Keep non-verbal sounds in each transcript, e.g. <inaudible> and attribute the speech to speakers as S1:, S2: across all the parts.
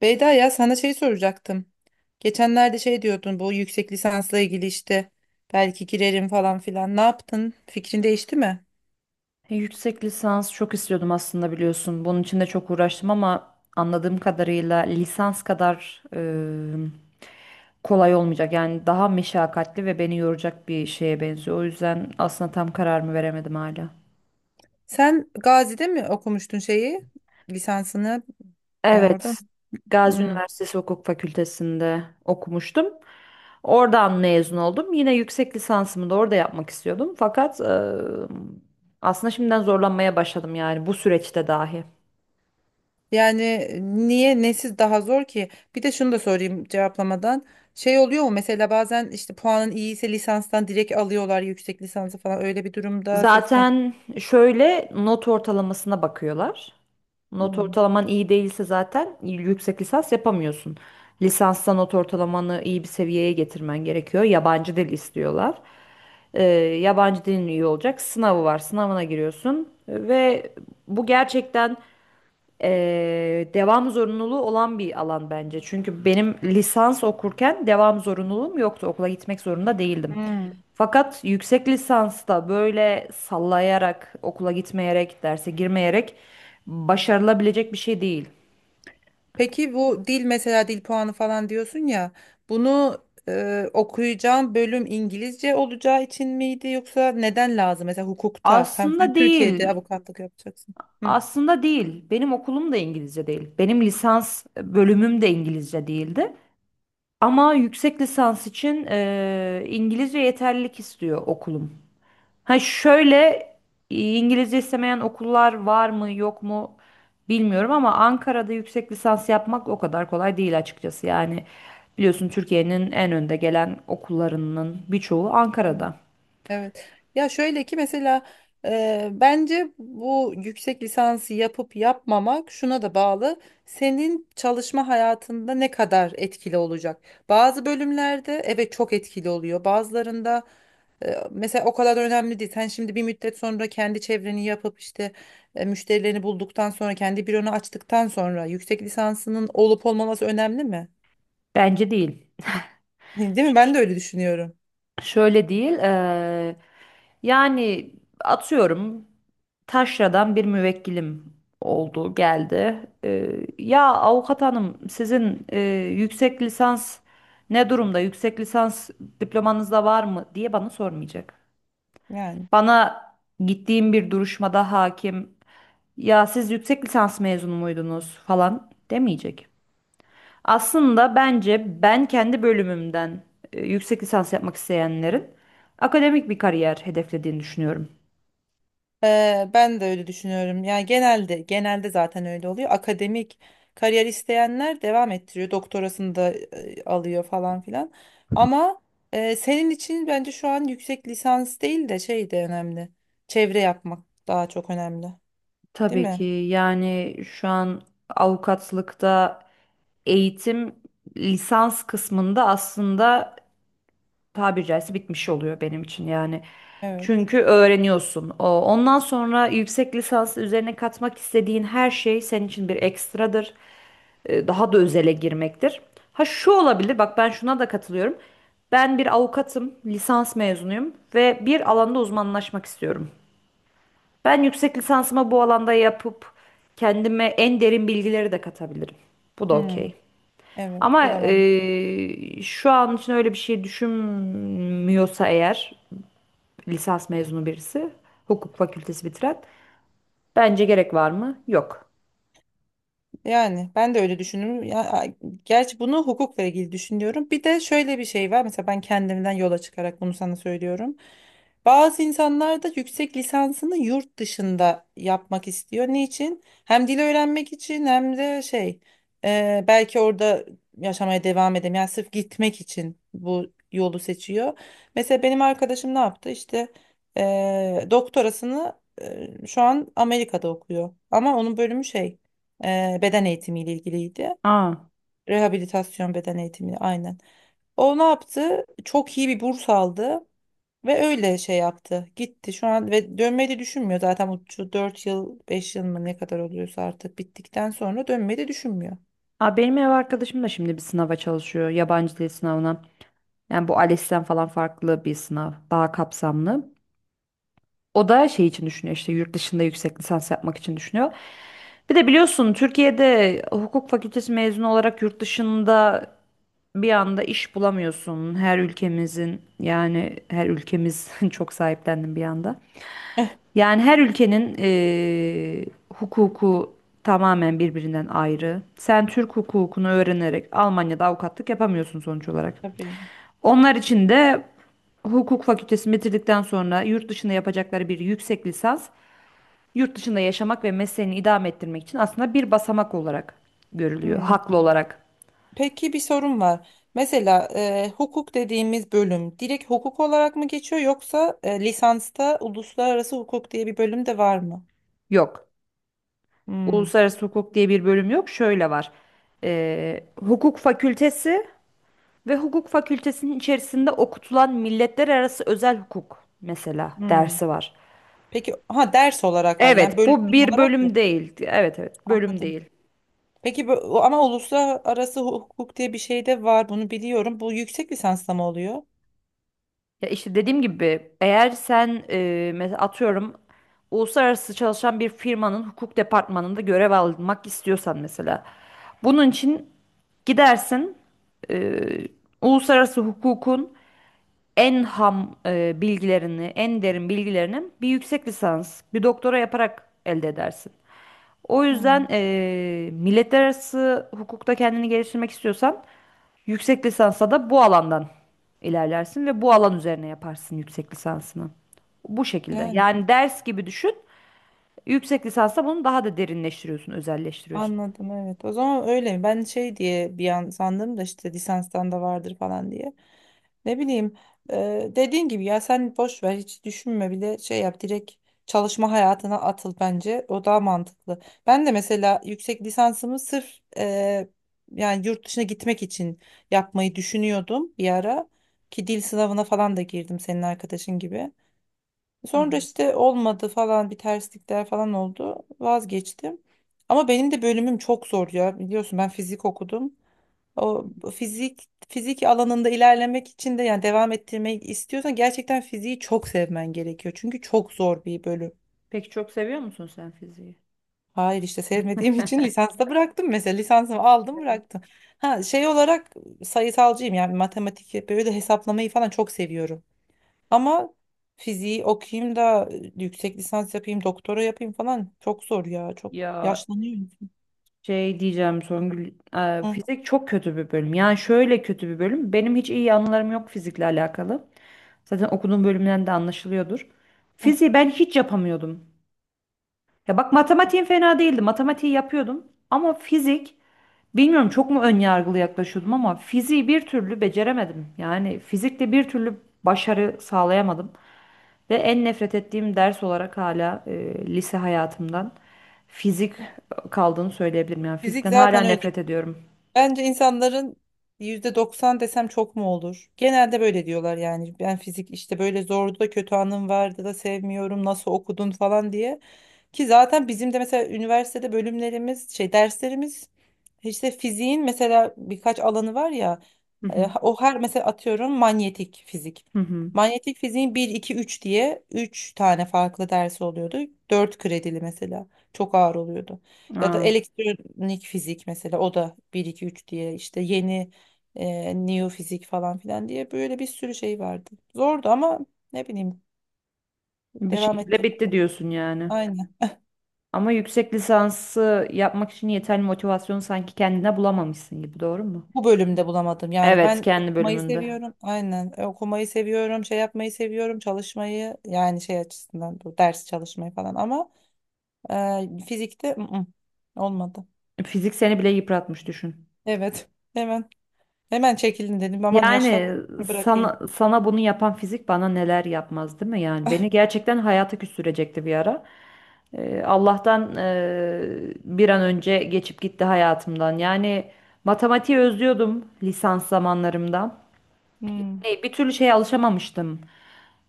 S1: Beyda ya sana şey soracaktım. Geçenlerde şey diyordun bu yüksek lisansla ilgili işte belki girerim falan filan. Ne yaptın? Fikrin değişti mi?
S2: Yüksek lisans çok istiyordum aslında biliyorsun. Bunun için de çok uğraştım ama anladığım kadarıyla lisans kadar kolay olmayacak. Yani daha meşakkatli ve beni yoracak bir şeye benziyor. O yüzden aslında tam kararımı veremedim hala.
S1: Sen Gazi'de mi okumuştun şeyi? Lisansını yani orada mı?
S2: Evet, Gazi
S1: Hmm.
S2: Üniversitesi Hukuk Fakültesi'nde okumuştum. Oradan mezun oldum. Yine yüksek lisansımı da orada yapmak istiyordum. Fakat aslında şimdiden zorlanmaya başladım yani bu süreçte dahi.
S1: Yani niye nesiz daha zor ki? Bir de şunu da sorayım cevaplamadan. Şey oluyor mu mesela bazen işte puanın iyi ise lisanstan direkt alıyorlar yüksek lisansı falan öyle bir durumda söz konusu.
S2: Zaten şöyle not ortalamasına bakıyorlar. Not
S1: Hmm.
S2: ortalaman iyi değilse zaten yüksek lisans yapamıyorsun. Lisansta not ortalamanı iyi bir seviyeye getirmen gerekiyor. Yabancı dil istiyorlar. Ee, Yabancı dilin iyi olacak. Sınavı var. Sınavına giriyorsun ve bu gerçekten devam zorunluluğu olan bir alan bence. Çünkü benim lisans okurken devam zorunluluğum yoktu. Okula gitmek zorunda değildim.
S1: Hmm.
S2: Fakat yüksek lisansta böyle sallayarak, okula gitmeyerek, derse girmeyerek başarılabilecek bir şey değil.
S1: Peki bu dil mesela dil puanı falan diyorsun ya bunu okuyacağım bölüm İngilizce olacağı için miydi yoksa neden lazım? Mesela hukukta tam sen
S2: Aslında
S1: Türkiye'de
S2: değil.
S1: avukatlık yapacaksın.
S2: Aslında değil. Benim okulum da İngilizce değil. Benim lisans bölümüm de İngilizce değildi. Ama yüksek lisans için İngilizce yeterlilik istiyor okulum. Ha şöyle, İngilizce istemeyen okullar var mı yok mu bilmiyorum ama Ankara'da yüksek lisans yapmak o kadar kolay değil açıkçası. Yani biliyorsun Türkiye'nin en önde gelen okullarının birçoğu
S1: Hı.
S2: Ankara'da.
S1: Evet. Ya şöyle ki mesela bence bu yüksek lisansı yapıp yapmamak şuna da bağlı. Senin çalışma hayatında ne kadar etkili olacak? Bazı bölümlerde evet çok etkili oluyor. Bazılarında mesela o kadar önemli değil. Sen şimdi bir müddet sonra kendi çevreni yapıp işte müşterilerini bulduktan sonra kendi büronu açtıktan sonra yüksek lisansının olup olmaması önemli mi?
S2: Bence değil.
S1: <laughs> Değil mi? Ben de öyle düşünüyorum.
S2: Şöyle değil. Yani atıyorum, taşradan bir müvekkilim oldu geldi. Ya avukat hanım, sizin yüksek lisans ne durumda? Yüksek lisans diplomanızda var mı diye bana sormayacak.
S1: Yani.
S2: Bana gittiğim bir duruşmada hakim, ya siz yüksek lisans mezunu muydunuz falan demeyecek. Aslında bence ben kendi bölümümden yüksek lisans yapmak isteyenlerin akademik bir kariyer hedeflediğini düşünüyorum.
S1: Ben de öyle düşünüyorum. Yani genelde zaten öyle oluyor. Akademik kariyer isteyenler devam ettiriyor. Doktorasını da alıyor falan filan. Ama senin için bence şu an yüksek lisans değil de şey de önemli. Çevre yapmak daha çok önemli. Değil
S2: Tabii ki
S1: mi?
S2: yani şu an avukatlıkta eğitim lisans kısmında aslında tabiri caizse bitmiş oluyor benim için yani.
S1: Evet.
S2: Çünkü öğreniyorsun. Ondan sonra yüksek lisans üzerine katmak istediğin her şey senin için bir ekstradır. Daha da özele girmektir. Ha şu olabilir, bak ben şuna da katılıyorum. Ben bir avukatım, lisans mezunuyum ve bir alanda uzmanlaşmak istiyorum. Ben yüksek lisansımı bu alanda yapıp kendime en derin bilgileri de katabilirim. Bu da
S1: Hmm,
S2: okey.
S1: evet.
S2: Ama
S1: O da.
S2: şu an için öyle bir şey düşünmüyorsa eğer, lisans mezunu birisi, hukuk fakültesi bitiren, bence gerek var mı? Yok.
S1: Yani ben de öyle düşünüyorum. Ya, gerçi bunu hukukla ilgili düşünüyorum. Bir de şöyle bir şey var. Mesela ben kendimden yola çıkarak bunu sana söylüyorum. Bazı insanlar da yüksek lisansını yurt dışında yapmak istiyor. Niçin? Hem dil öğrenmek için hem de şey belki orada yaşamaya devam edemiyor. Yani sırf gitmek için bu yolu seçiyor. Mesela benim arkadaşım ne yaptı? İşte doktorasını şu an Amerika'da okuyor. Ama onun bölümü şey. Beden eğitimiyle ilgiliydi.
S2: Aa.
S1: Rehabilitasyon beden eğitimi aynen. O ne yaptı? Çok iyi bir burs aldı ve öyle şey yaptı. Gitti şu an ve dönmeyi de düşünmüyor zaten şu 4 yıl 5 yıl mı ne kadar oluyorsa artık bittikten sonra dönmeyi de düşünmüyor.
S2: Aa, benim ev arkadaşım da şimdi bir sınava çalışıyor, yabancı dil sınavına. Yani bu ALES'ten falan farklı bir sınav, daha kapsamlı. O da şey için düşünüyor, işte yurt dışında yüksek lisans yapmak için düşünüyor. Bir de biliyorsun Türkiye'de hukuk fakültesi mezunu olarak yurt dışında bir anda iş bulamıyorsun. Her ülkemizin, yani her ülkemiz <laughs> çok sahiplendim bir anda.
S1: Eh.
S2: Yani her ülkenin hukuku tamamen birbirinden ayrı. Sen Türk hukukunu öğrenerek Almanya'da avukatlık yapamıyorsun sonuç olarak.
S1: Tabii.
S2: Onlar için de hukuk fakültesi bitirdikten sonra yurt dışında yapacakları bir yüksek lisans, yurt dışında yaşamak ve mesleğini idame ettirmek için aslında bir basamak olarak görülüyor.
S1: Hmm.
S2: Haklı olarak.
S1: Peki bir sorum var. Mesela hukuk dediğimiz bölüm direkt hukuk olarak mı geçiyor yoksa lisansta uluslararası hukuk diye bir bölüm de var mı?
S2: Yok.
S1: Hmm.
S2: Uluslararası hukuk diye bir bölüm yok. Şöyle var. Hukuk fakültesi ve hukuk fakültesinin içerisinde okutulan milletler arası özel hukuk mesela
S1: Hmm.
S2: dersi var.
S1: Peki ha ders olarak var yani
S2: Evet,
S1: bölüm
S2: bu bir
S1: olarak
S2: bölüm
S1: yok.
S2: değil. Evet, evet, bölüm
S1: Anladım.
S2: değil.
S1: Peki ama uluslararası hukuk diye bir şey de var, bunu biliyorum. Bu yüksek lisansla mı oluyor?
S2: Ya işte dediğim gibi, eğer sen mesela atıyorum, uluslararası çalışan bir firmanın hukuk departmanında görev almak istiyorsan mesela, bunun için gidersin, e, uluslararası hukukun en ham bilgilerini, en derin bilgilerini bir yüksek lisans, bir doktora yaparak elde edersin. O yüzden
S1: Hmm.
S2: milletler arası hukukta kendini geliştirmek istiyorsan, yüksek lisansa da bu alandan ilerlersin ve bu alan üzerine yaparsın yüksek lisansını. Bu şekilde.
S1: Yani.
S2: Yani ders gibi düşün. Yüksek lisansa bunu daha da derinleştiriyorsun, özelleştiriyorsun.
S1: Anladım, evet. O zaman öyle mi? Ben şey diye bir an sandım da işte lisanstan da vardır falan diye. Ne bileyim, dediğin gibi ya sen boş ver, hiç düşünme bile, şey yap, direkt çalışma hayatına atıl bence. O daha mantıklı. Ben de mesela yüksek lisansımı sırf yani yurt dışına gitmek için yapmayı düşünüyordum bir ara. Ki dil sınavına falan da girdim senin arkadaşın gibi.
S2: Hı
S1: Sonra
S2: hı.
S1: işte olmadı falan, bir terslikler falan oldu. Vazgeçtim. Ama benim de bölümüm çok zor ya. Biliyorsun ben fizik okudum.
S2: Hı
S1: O
S2: hı.
S1: fizik alanında ilerlemek için de yani devam ettirmek istiyorsan gerçekten fiziği çok sevmen gerekiyor. Çünkü çok zor bir bölüm.
S2: Peki çok seviyor musun sen fiziği?
S1: Hayır, işte sevmediğim <laughs> için lisansta bıraktım mesela. Lisansımı aldım, bıraktım. Ha, şey olarak sayısalcıyım yani matematik, böyle hesaplamayı falan çok seviyorum. Ama fiziği okuyayım da yüksek lisans yapayım, doktora yapayım falan, çok zor ya. Çok
S2: Ya
S1: yaşlanıyor insan.
S2: şey diyeceğim Songül,
S1: Hı.
S2: fizik çok kötü bir bölüm. Yani şöyle kötü bir bölüm. Benim hiç iyi anılarım yok fizikle alakalı. Zaten okuduğum bölümden de anlaşılıyordur. Fiziği ben hiç yapamıyordum. Ya bak, matematiğim fena değildi. Matematiği yapıyordum. Ama fizik, bilmiyorum, çok mu ön yargılı yaklaşıyordum ama fiziği bir türlü beceremedim. Yani fizikte bir türlü başarı sağlayamadım. Ve en nefret ettiğim ders olarak hala lise hayatımdan fizik kaldığını söyleyebilirim. Yani
S1: Fizik
S2: fizikten hala
S1: zaten öyle.
S2: nefret ediyorum.
S1: Bence insanların %90 desem çok mu olur? Genelde böyle diyorlar yani. Ben fizik işte böyle zordu da, kötü anım vardı da, sevmiyorum. Nasıl okudun falan diye. Ki zaten bizim de mesela üniversitede bölümlerimiz, şey derslerimiz işte fiziğin mesela birkaç alanı var ya,
S2: Hı hı.
S1: o her mesela atıyorum manyetik fizik.
S2: Hı hı.
S1: Manyetik fiziğin bir 2 3 diye 3 tane farklı dersi oluyordu. 4 kredili mesela, çok ağır oluyordu. Ya da
S2: Aa,
S1: elektronik fizik mesela, o da bir 2 3 diye işte yeni neofizik falan filan diye böyle bir sürü şey vardı. Zordu ama ne bileyim,
S2: bir
S1: devam
S2: şekilde bitti diyorsun yani.
S1: ettim.
S2: Ama yüksek lisansı yapmak için yeterli motivasyonu sanki kendine bulamamışsın gibi, doğru mu?
S1: Bu bölümde bulamadım. Yani
S2: Evet,
S1: ben
S2: kendi
S1: okumayı
S2: bölümünde.
S1: seviyorum. Aynen. Okumayı seviyorum, şey yapmayı seviyorum, çalışmayı yani şey açısından bu ders çalışmayı falan, ama fizikte olmadı.
S2: Fizik seni bile yıpratmış düşün.
S1: Evet. Hemen hemen çekilin dedim. Aman, yaşlanmak
S2: Yani
S1: bırakayım.
S2: sana, sana bunu yapan fizik bana neler yapmaz değil mi? Yani beni gerçekten hayata küstürecekti bir ara. Allah'tan bir an önce geçip gitti hayatımdan. Yani matematiği özlüyordum lisans zamanlarımda.
S1: Hmm.
S2: Bir türlü şeye alışamamıştım.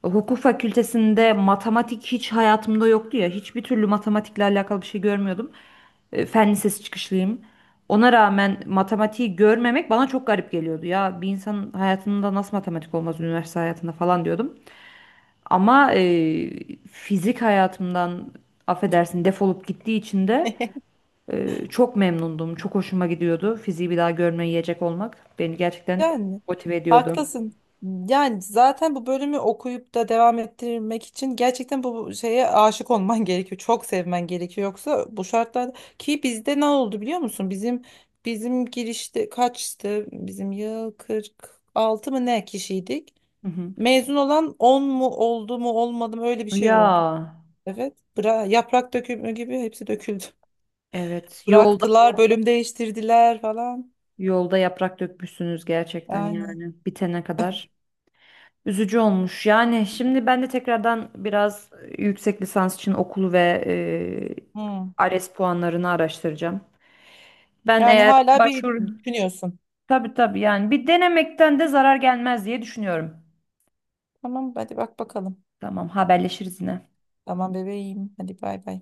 S2: Hukuk fakültesinde matematik hiç hayatımda yoktu ya. Hiçbir türlü matematikle alakalı bir şey görmüyordum. E, fen lisesi çıkışlıyım. Ona rağmen matematiği görmemek bana çok garip geliyordu. Ya bir insanın hayatında nasıl matematik olmaz üniversite hayatında falan diyordum. Ama fizik hayatımdan affedersin defolup gittiği için de
S1: <laughs>
S2: çok memnundum. Çok hoşuma gidiyordu. Fiziği bir daha görmeye yiyecek olmak beni gerçekten
S1: Yani
S2: motive ediyordu.
S1: haklısın. Yani zaten bu bölümü okuyup da devam ettirmek için gerçekten bu şeye aşık olman <laughs> gerekiyor. Çok sevmen gerekiyor. Yoksa bu şartlarda, ki bizde ne oldu biliyor musun? Bizim girişte kaçtı? Bizim yıl 46 mı ne kişiydik?
S2: Hı hı.
S1: Mezun olan 10 mu oldu mu olmadı mı, öyle bir şey
S2: Ya
S1: oldu. Evet. Yaprak dökümü gibi hepsi döküldü. <laughs>
S2: evet, yolda
S1: Bıraktılar, bölüm değiştirdiler falan.
S2: yolda yaprak dökmüşsünüz gerçekten
S1: Yani.
S2: yani bitene kadar. Üzücü olmuş. Yani şimdi ben de tekrardan biraz yüksek lisans için okulu ve
S1: Hı.
S2: ALES puanlarını araştıracağım. Ben
S1: Yani
S2: eğer
S1: hala bir
S2: başvuru,
S1: düşünüyorsun.
S2: tabii tabii yani, bir denemekten de zarar gelmez diye düşünüyorum.
S1: Tamam, hadi bak bakalım.
S2: Tamam, haberleşiriz yine.
S1: Tamam bebeğim. Hadi bay bay.